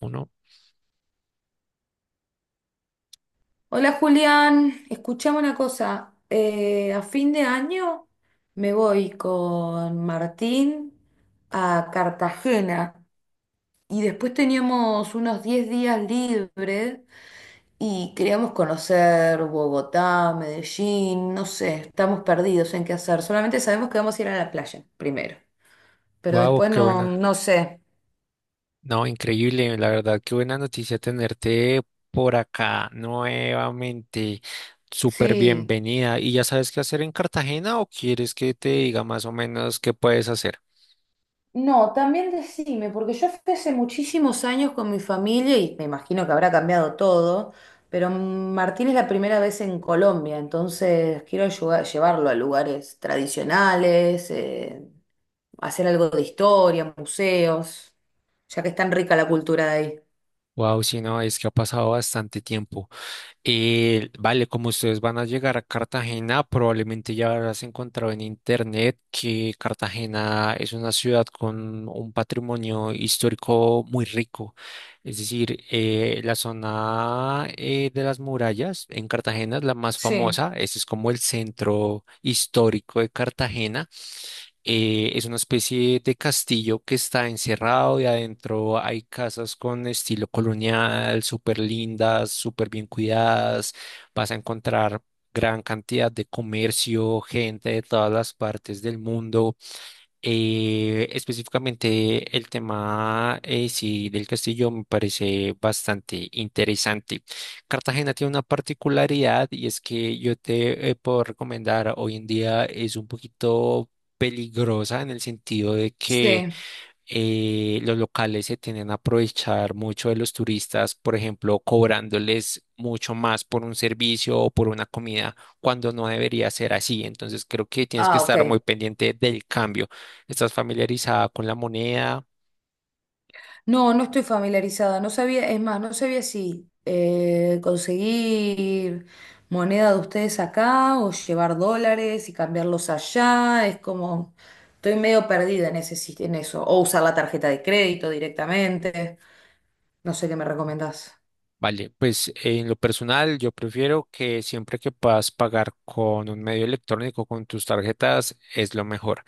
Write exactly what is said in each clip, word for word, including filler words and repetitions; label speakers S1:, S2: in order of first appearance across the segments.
S1: Uno.
S2: Hola Julián, escuchame una cosa. Eh, a fin de año me voy con Martín a Cartagena y después teníamos unos diez días libres y queríamos conocer Bogotá, Medellín, no sé, estamos perdidos en qué hacer. Solamente sabemos que vamos a ir a la playa primero, pero
S1: Wow,
S2: después
S1: qué
S2: no,
S1: buena.
S2: no sé.
S1: No, increíble, la verdad, qué buena noticia tenerte por acá nuevamente. Súper
S2: Sí.
S1: bienvenida. ¿Y ya sabes qué hacer en Cartagena o quieres que te diga más o menos qué puedes hacer?
S2: No, también decime, porque yo fui hace muchísimos años con mi familia y me imagino que habrá cambiado todo, pero Martín es la primera vez en Colombia, entonces quiero ayudar- llevarlo a lugares tradicionales, eh, hacer algo de historia, museos, ya que es tan rica la cultura de ahí.
S1: Wow, si no, es que ha pasado bastante tiempo. Eh, vale, como ustedes van a llegar a Cartagena, probablemente ya habrás encontrado en internet que Cartagena es una ciudad con un patrimonio histórico muy rico. Es decir, eh, la zona eh, de las murallas en Cartagena es la más
S2: Sí,
S1: famosa. Ese es como el centro histórico de Cartagena. Eh, es una especie de castillo que está encerrado y adentro hay casas con estilo colonial, súper lindas, súper bien cuidadas. Vas a encontrar gran cantidad de comercio, gente de todas las partes del mundo. Eh, específicamente el tema eh, sí, del castillo me parece bastante interesante. Cartagena tiene una particularidad y es que yo te eh, puedo recomendar, hoy en día es un poquito peligrosa en el sentido de que
S2: sí.
S1: eh, los locales se tienden a aprovechar mucho de los turistas, por ejemplo, cobrándoles mucho más por un servicio o por una comida, cuando no debería ser así. Entonces, creo que tienes que
S2: Ah, ok.
S1: estar muy pendiente del cambio. ¿Estás familiarizada con la moneda?
S2: No, no estoy familiarizada, no sabía, es más, no sabía si eh, conseguir moneda de ustedes acá o llevar dólares y cambiarlos allá, es como, estoy medio perdida en ese, sis- en eso, o usar la tarjeta de crédito directamente, no sé qué me recomendás.
S1: Vale, pues en lo personal yo prefiero que siempre que puedas pagar con un medio electrónico, con tus tarjetas, es lo mejor.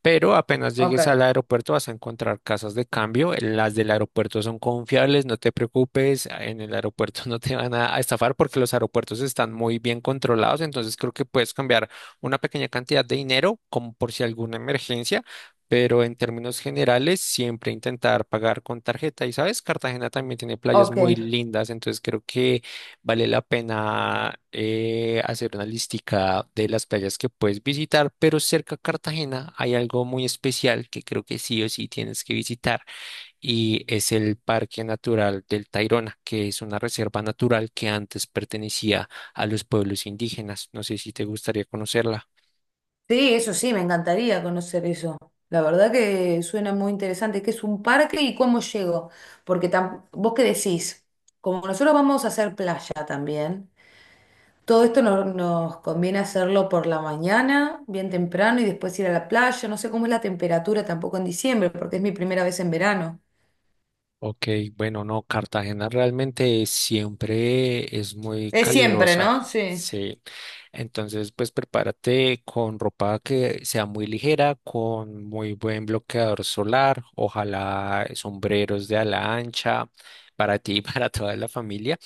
S1: Pero apenas
S2: Ok,
S1: llegues al aeropuerto vas a encontrar casas de cambio. Las del aeropuerto son confiables, no te preocupes. En el aeropuerto no te van a a estafar porque los aeropuertos están muy bien controlados. Entonces creo que puedes cambiar una pequeña cantidad de dinero como por si alguna emergencia. Pero en términos generales, siempre intentar pagar con tarjeta. Y sabes, Cartagena también tiene playas muy
S2: ok.
S1: lindas. Entonces creo que vale la pena eh, hacer una listica de las playas que puedes visitar, pero cerca a Cartagena hay algo muy especial que creo que sí o sí tienes que visitar y es el Parque Natural del Tayrona, que es una reserva natural que antes pertenecía a los pueblos indígenas. No sé si te gustaría conocerla.
S2: Sí, eso sí, me encantaría conocer eso. La verdad que suena muy interesante. ¿Qué es un parque y cómo llego, porque tam- vos qué decís, como nosotros vamos a hacer playa también? Todo esto no- nos conviene hacerlo por la mañana, bien temprano, y después ir a la playa. No sé cómo es la temperatura tampoco en diciembre, porque es mi primera vez en verano.
S1: Ok, bueno, no, Cartagena realmente siempre es muy
S2: Es siempre,
S1: calurosa,
S2: ¿no? Sí,
S1: sí. Entonces, pues prepárate con ropa que sea muy ligera, con muy buen bloqueador solar, ojalá sombreros de ala ancha para ti y para toda la familia.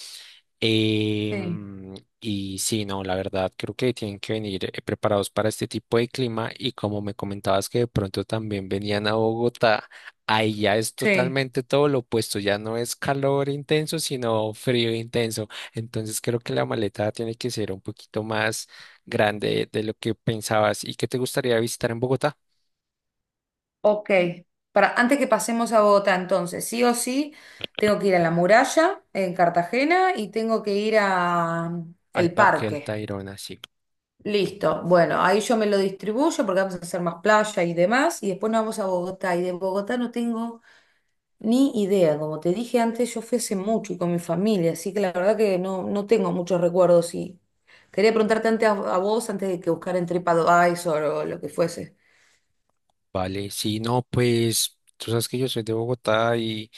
S2: sí,
S1: Em, y sí, no, la verdad, creo que tienen que venir eh, preparados para este tipo de clima y como me comentabas que de pronto también venían a Bogotá, ahí ya es
S2: sí.
S1: totalmente todo lo opuesto, ya no es calor intenso, sino frío intenso. Entonces creo que la maleta tiene que ser un poquito más grande de lo que pensabas. ¿Y qué te gustaría visitar en Bogotá?
S2: Ok. Para, antes que pasemos a Bogotá, entonces, sí o sí, tengo que ir a la muralla en Cartagena y tengo que ir a mm,
S1: Al
S2: el
S1: Parque del
S2: parque.
S1: Tayrona, sí.
S2: Listo. Bueno, ahí yo me lo distribuyo porque vamos a hacer más playa y demás. Y después nos vamos a Bogotá. Y de Bogotá no tengo ni idea, como te dije antes. Yo fui hace mucho y con mi familia, así que la verdad que no, no tengo muchos recuerdos y quería preguntarte antes a, a vos antes de que buscar en TripAdvisor o lo que fuese.
S1: Vale, sí, no, pues tú sabes que yo soy de Bogotá y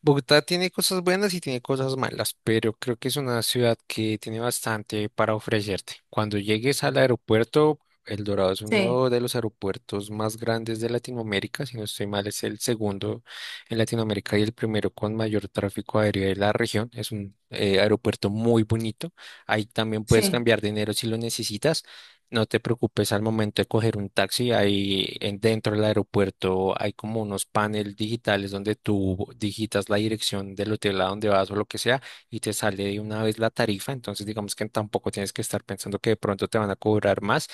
S1: Bogotá tiene cosas buenas y tiene cosas malas, pero creo que es una ciudad que tiene bastante para ofrecerte. Cuando llegues al aeropuerto, El Dorado es
S2: Sí,
S1: uno de los aeropuertos más grandes de Latinoamérica, si no estoy mal, es el segundo en Latinoamérica y el primero con mayor tráfico aéreo de la región. Es un eh, aeropuerto muy bonito. Ahí también puedes
S2: sí.
S1: cambiar dinero si lo necesitas. No te preocupes, al momento de coger un taxi, ahí en- dentro del aeropuerto hay como unos paneles digitales donde tú digitas la dirección del hotel a donde vas o lo que sea y te sale de una vez la tarifa. Entonces, digamos que tampoco tienes que estar pensando que de pronto te van a cobrar más.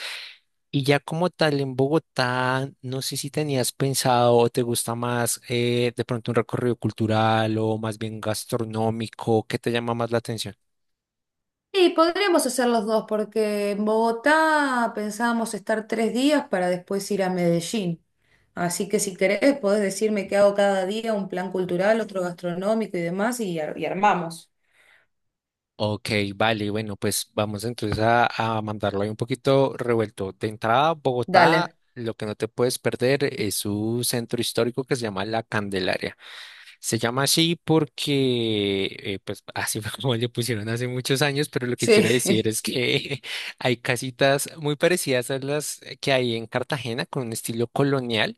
S1: Y ya como tal en Bogotá, no sé si tenías pensado o te gusta más eh, de pronto un recorrido cultural o más bien gastronómico, ¿qué te llama más la atención?
S2: Y podríamos hacer los dos, porque en Bogotá pensábamos estar tres días para después ir a Medellín. Así que si querés, podés decirme qué hago cada día, un plan cultural, otro gastronómico y demás, y, ar- y armamos.
S1: Ok, vale, bueno, pues vamos entonces a, a mandarlo ahí un poquito revuelto. De entrada, Bogotá,
S2: Dale.
S1: lo que no te puedes perder es su centro histórico que se llama La Candelaria. Se llama así porque, eh, pues así fue como le pusieron hace muchos años, pero lo que quiero decir
S2: Sí,
S1: es que hay casitas muy parecidas a las que hay en Cartagena con un estilo colonial.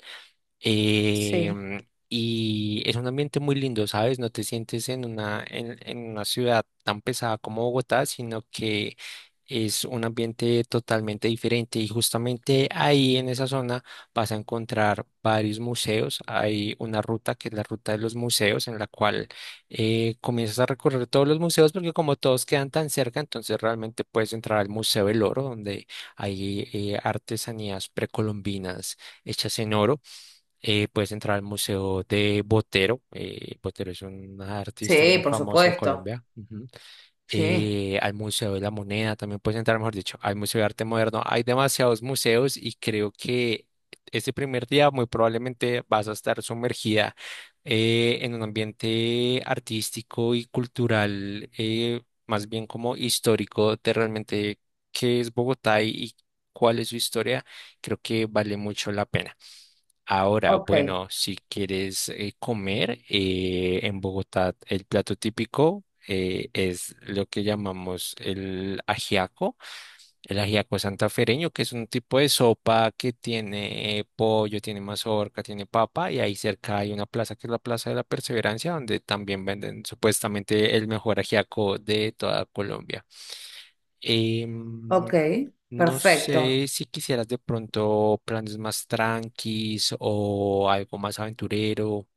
S2: sí.
S1: Em, y es un ambiente muy lindo, ¿sabes? No te sientes en una, en, en una ciudad tan pesada como Bogotá, sino que es un ambiente totalmente diferente. Y justamente ahí en esa zona vas a encontrar varios museos. Hay una ruta que es la ruta de los museos, en la cual eh, comienzas a recorrer todos los museos, porque como todos quedan tan cerca, entonces realmente puedes entrar al Museo del Oro, donde hay eh, artesanías precolombinas hechas en oro. Eh, puedes entrar al Museo de Botero. eh, Botero es un artista
S2: Sí,
S1: muy
S2: por
S1: famoso de
S2: supuesto.
S1: Colombia. Ujú.
S2: Sí.
S1: Eh, al Museo de la Moneda también puedes entrar, mejor dicho, al Museo de Arte Moderno. Hay demasiados museos y creo que este primer día muy probablemente vas a estar sumergida eh, en un ambiente artístico y cultural, eh, más bien como histórico de realmente qué es Bogotá y y cuál es su historia. Creo que vale mucho la pena. Ahora,
S2: Ok,
S1: bueno, si quieres eh, comer eh, en Bogotá, el plato típico eh, es lo que llamamos el ajiaco. El ajiaco santafereño, que es un tipo de sopa que tiene eh, pollo, tiene mazorca, tiene papa, y ahí cerca hay una plaza que es la Plaza de la Perseverancia, donde también venden supuestamente el mejor ajiaco de toda Colombia. Em,
S2: ok,
S1: no
S2: perfecto.
S1: sé si quisieras de pronto planes más tranquis o algo más aventurero.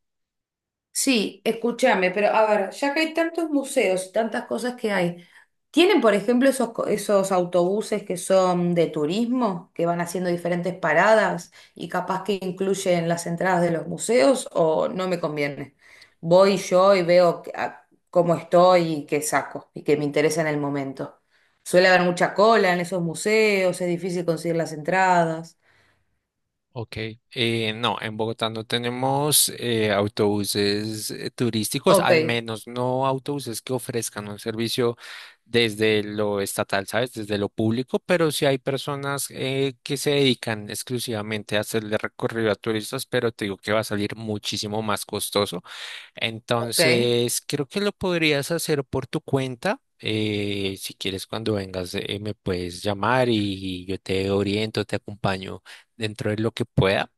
S2: Sí, escúchame, pero a ver, ya que hay tantos museos y tantas cosas que hay, ¿tienen, por ejemplo, esos, co- esos autobuses que son de turismo, que van haciendo diferentes paradas y capaz que incluyen las entradas de los museos, o no me conviene? Voy yo y veo que- a- cómo estoy y qué saco y qué me interesa en el momento. Suele haber mucha cola en esos museos, es difícil conseguir las entradas.
S1: Ok, eh, no, en Bogotá no tenemos eh, autobuses eh, turísticos,
S2: Ok,
S1: al menos no autobuses que ofrezcan un servicio desde lo estatal, ¿sabes? Desde lo público, pero sí hay personas eh, que se dedican exclusivamente a hacerle recorrido a turistas, pero te digo que va a salir muchísimo más costoso.
S2: ok,
S1: Entonces, creo que lo podrías hacer por tu cuenta. Eh, si quieres, cuando vengas, eh, me puedes llamar y yo te oriento, te acompaño dentro de lo que pueda.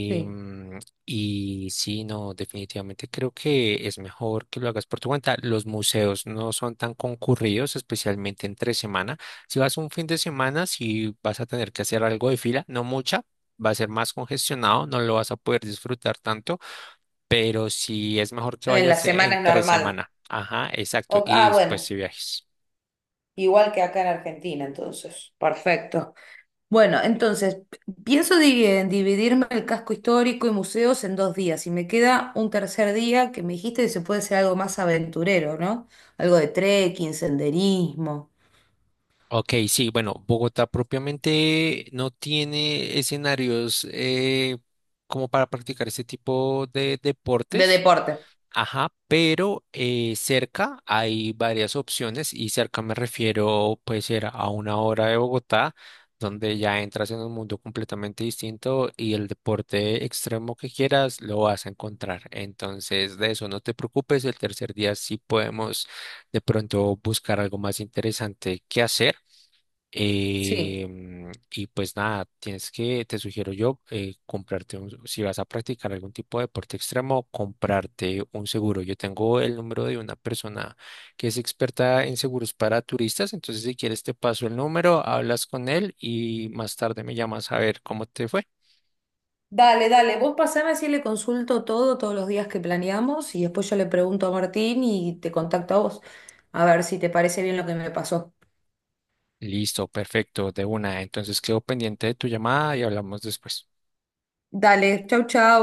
S2: sí.
S1: y sí, no, definitivamente creo que es mejor que lo hagas por tu cuenta. Los museos no son tan concurridos, especialmente entre semana. Si vas un fin de semana, si vas a tener que hacer algo de fila, no mucha, va a ser más congestionado, no lo vas a poder disfrutar tanto, pero si es mejor que
S2: En la
S1: vayas
S2: semana es
S1: entre
S2: normal.
S1: semana. Ajá, exacto.
S2: O-
S1: Y
S2: ah,
S1: después
S2: bueno,
S1: si viajes.
S2: igual que acá en Argentina, entonces. Perfecto. Bueno, entonces, pienso di- en dividirme el casco histórico y museos en dos días. Y me queda un tercer día que me dijiste que se puede ser algo más aventurero, ¿no? Algo de trekking, senderismo,
S1: Ok, sí, bueno, Bogotá propiamente no tiene escenarios eh, como para practicar este tipo de
S2: de
S1: deportes.
S2: deporte.
S1: Ajá, pero eh, cerca hay varias opciones y cerca me refiero puede ser a una hora de Bogotá, donde ya entras en un mundo completamente distinto y el deporte extremo que quieras lo vas a encontrar. Entonces, de eso no te preocupes, el tercer día sí podemos de pronto buscar algo más interesante que hacer.
S2: Sí.
S1: Eh, mm, y pues nada, tienes que, te sugiero yo, eh, comprarte un, si vas a practicar algún tipo de deporte extremo, comprarte un seguro. Yo tengo el número de una persona que es experta en seguros para turistas, entonces si quieres te paso el número, hablas con él y más tarde me llamas a ver cómo te fue.
S2: Dale, dale. Vos pasame si le consulto todo, todos los días que planeamos, y después yo le pregunto a Martín y te contacto a vos. A ver si te parece bien lo que me pasó.
S1: Listo, perfecto, de una. Entonces quedo pendiente de tu llamada y hablamos después.
S2: Dale, chau, chau.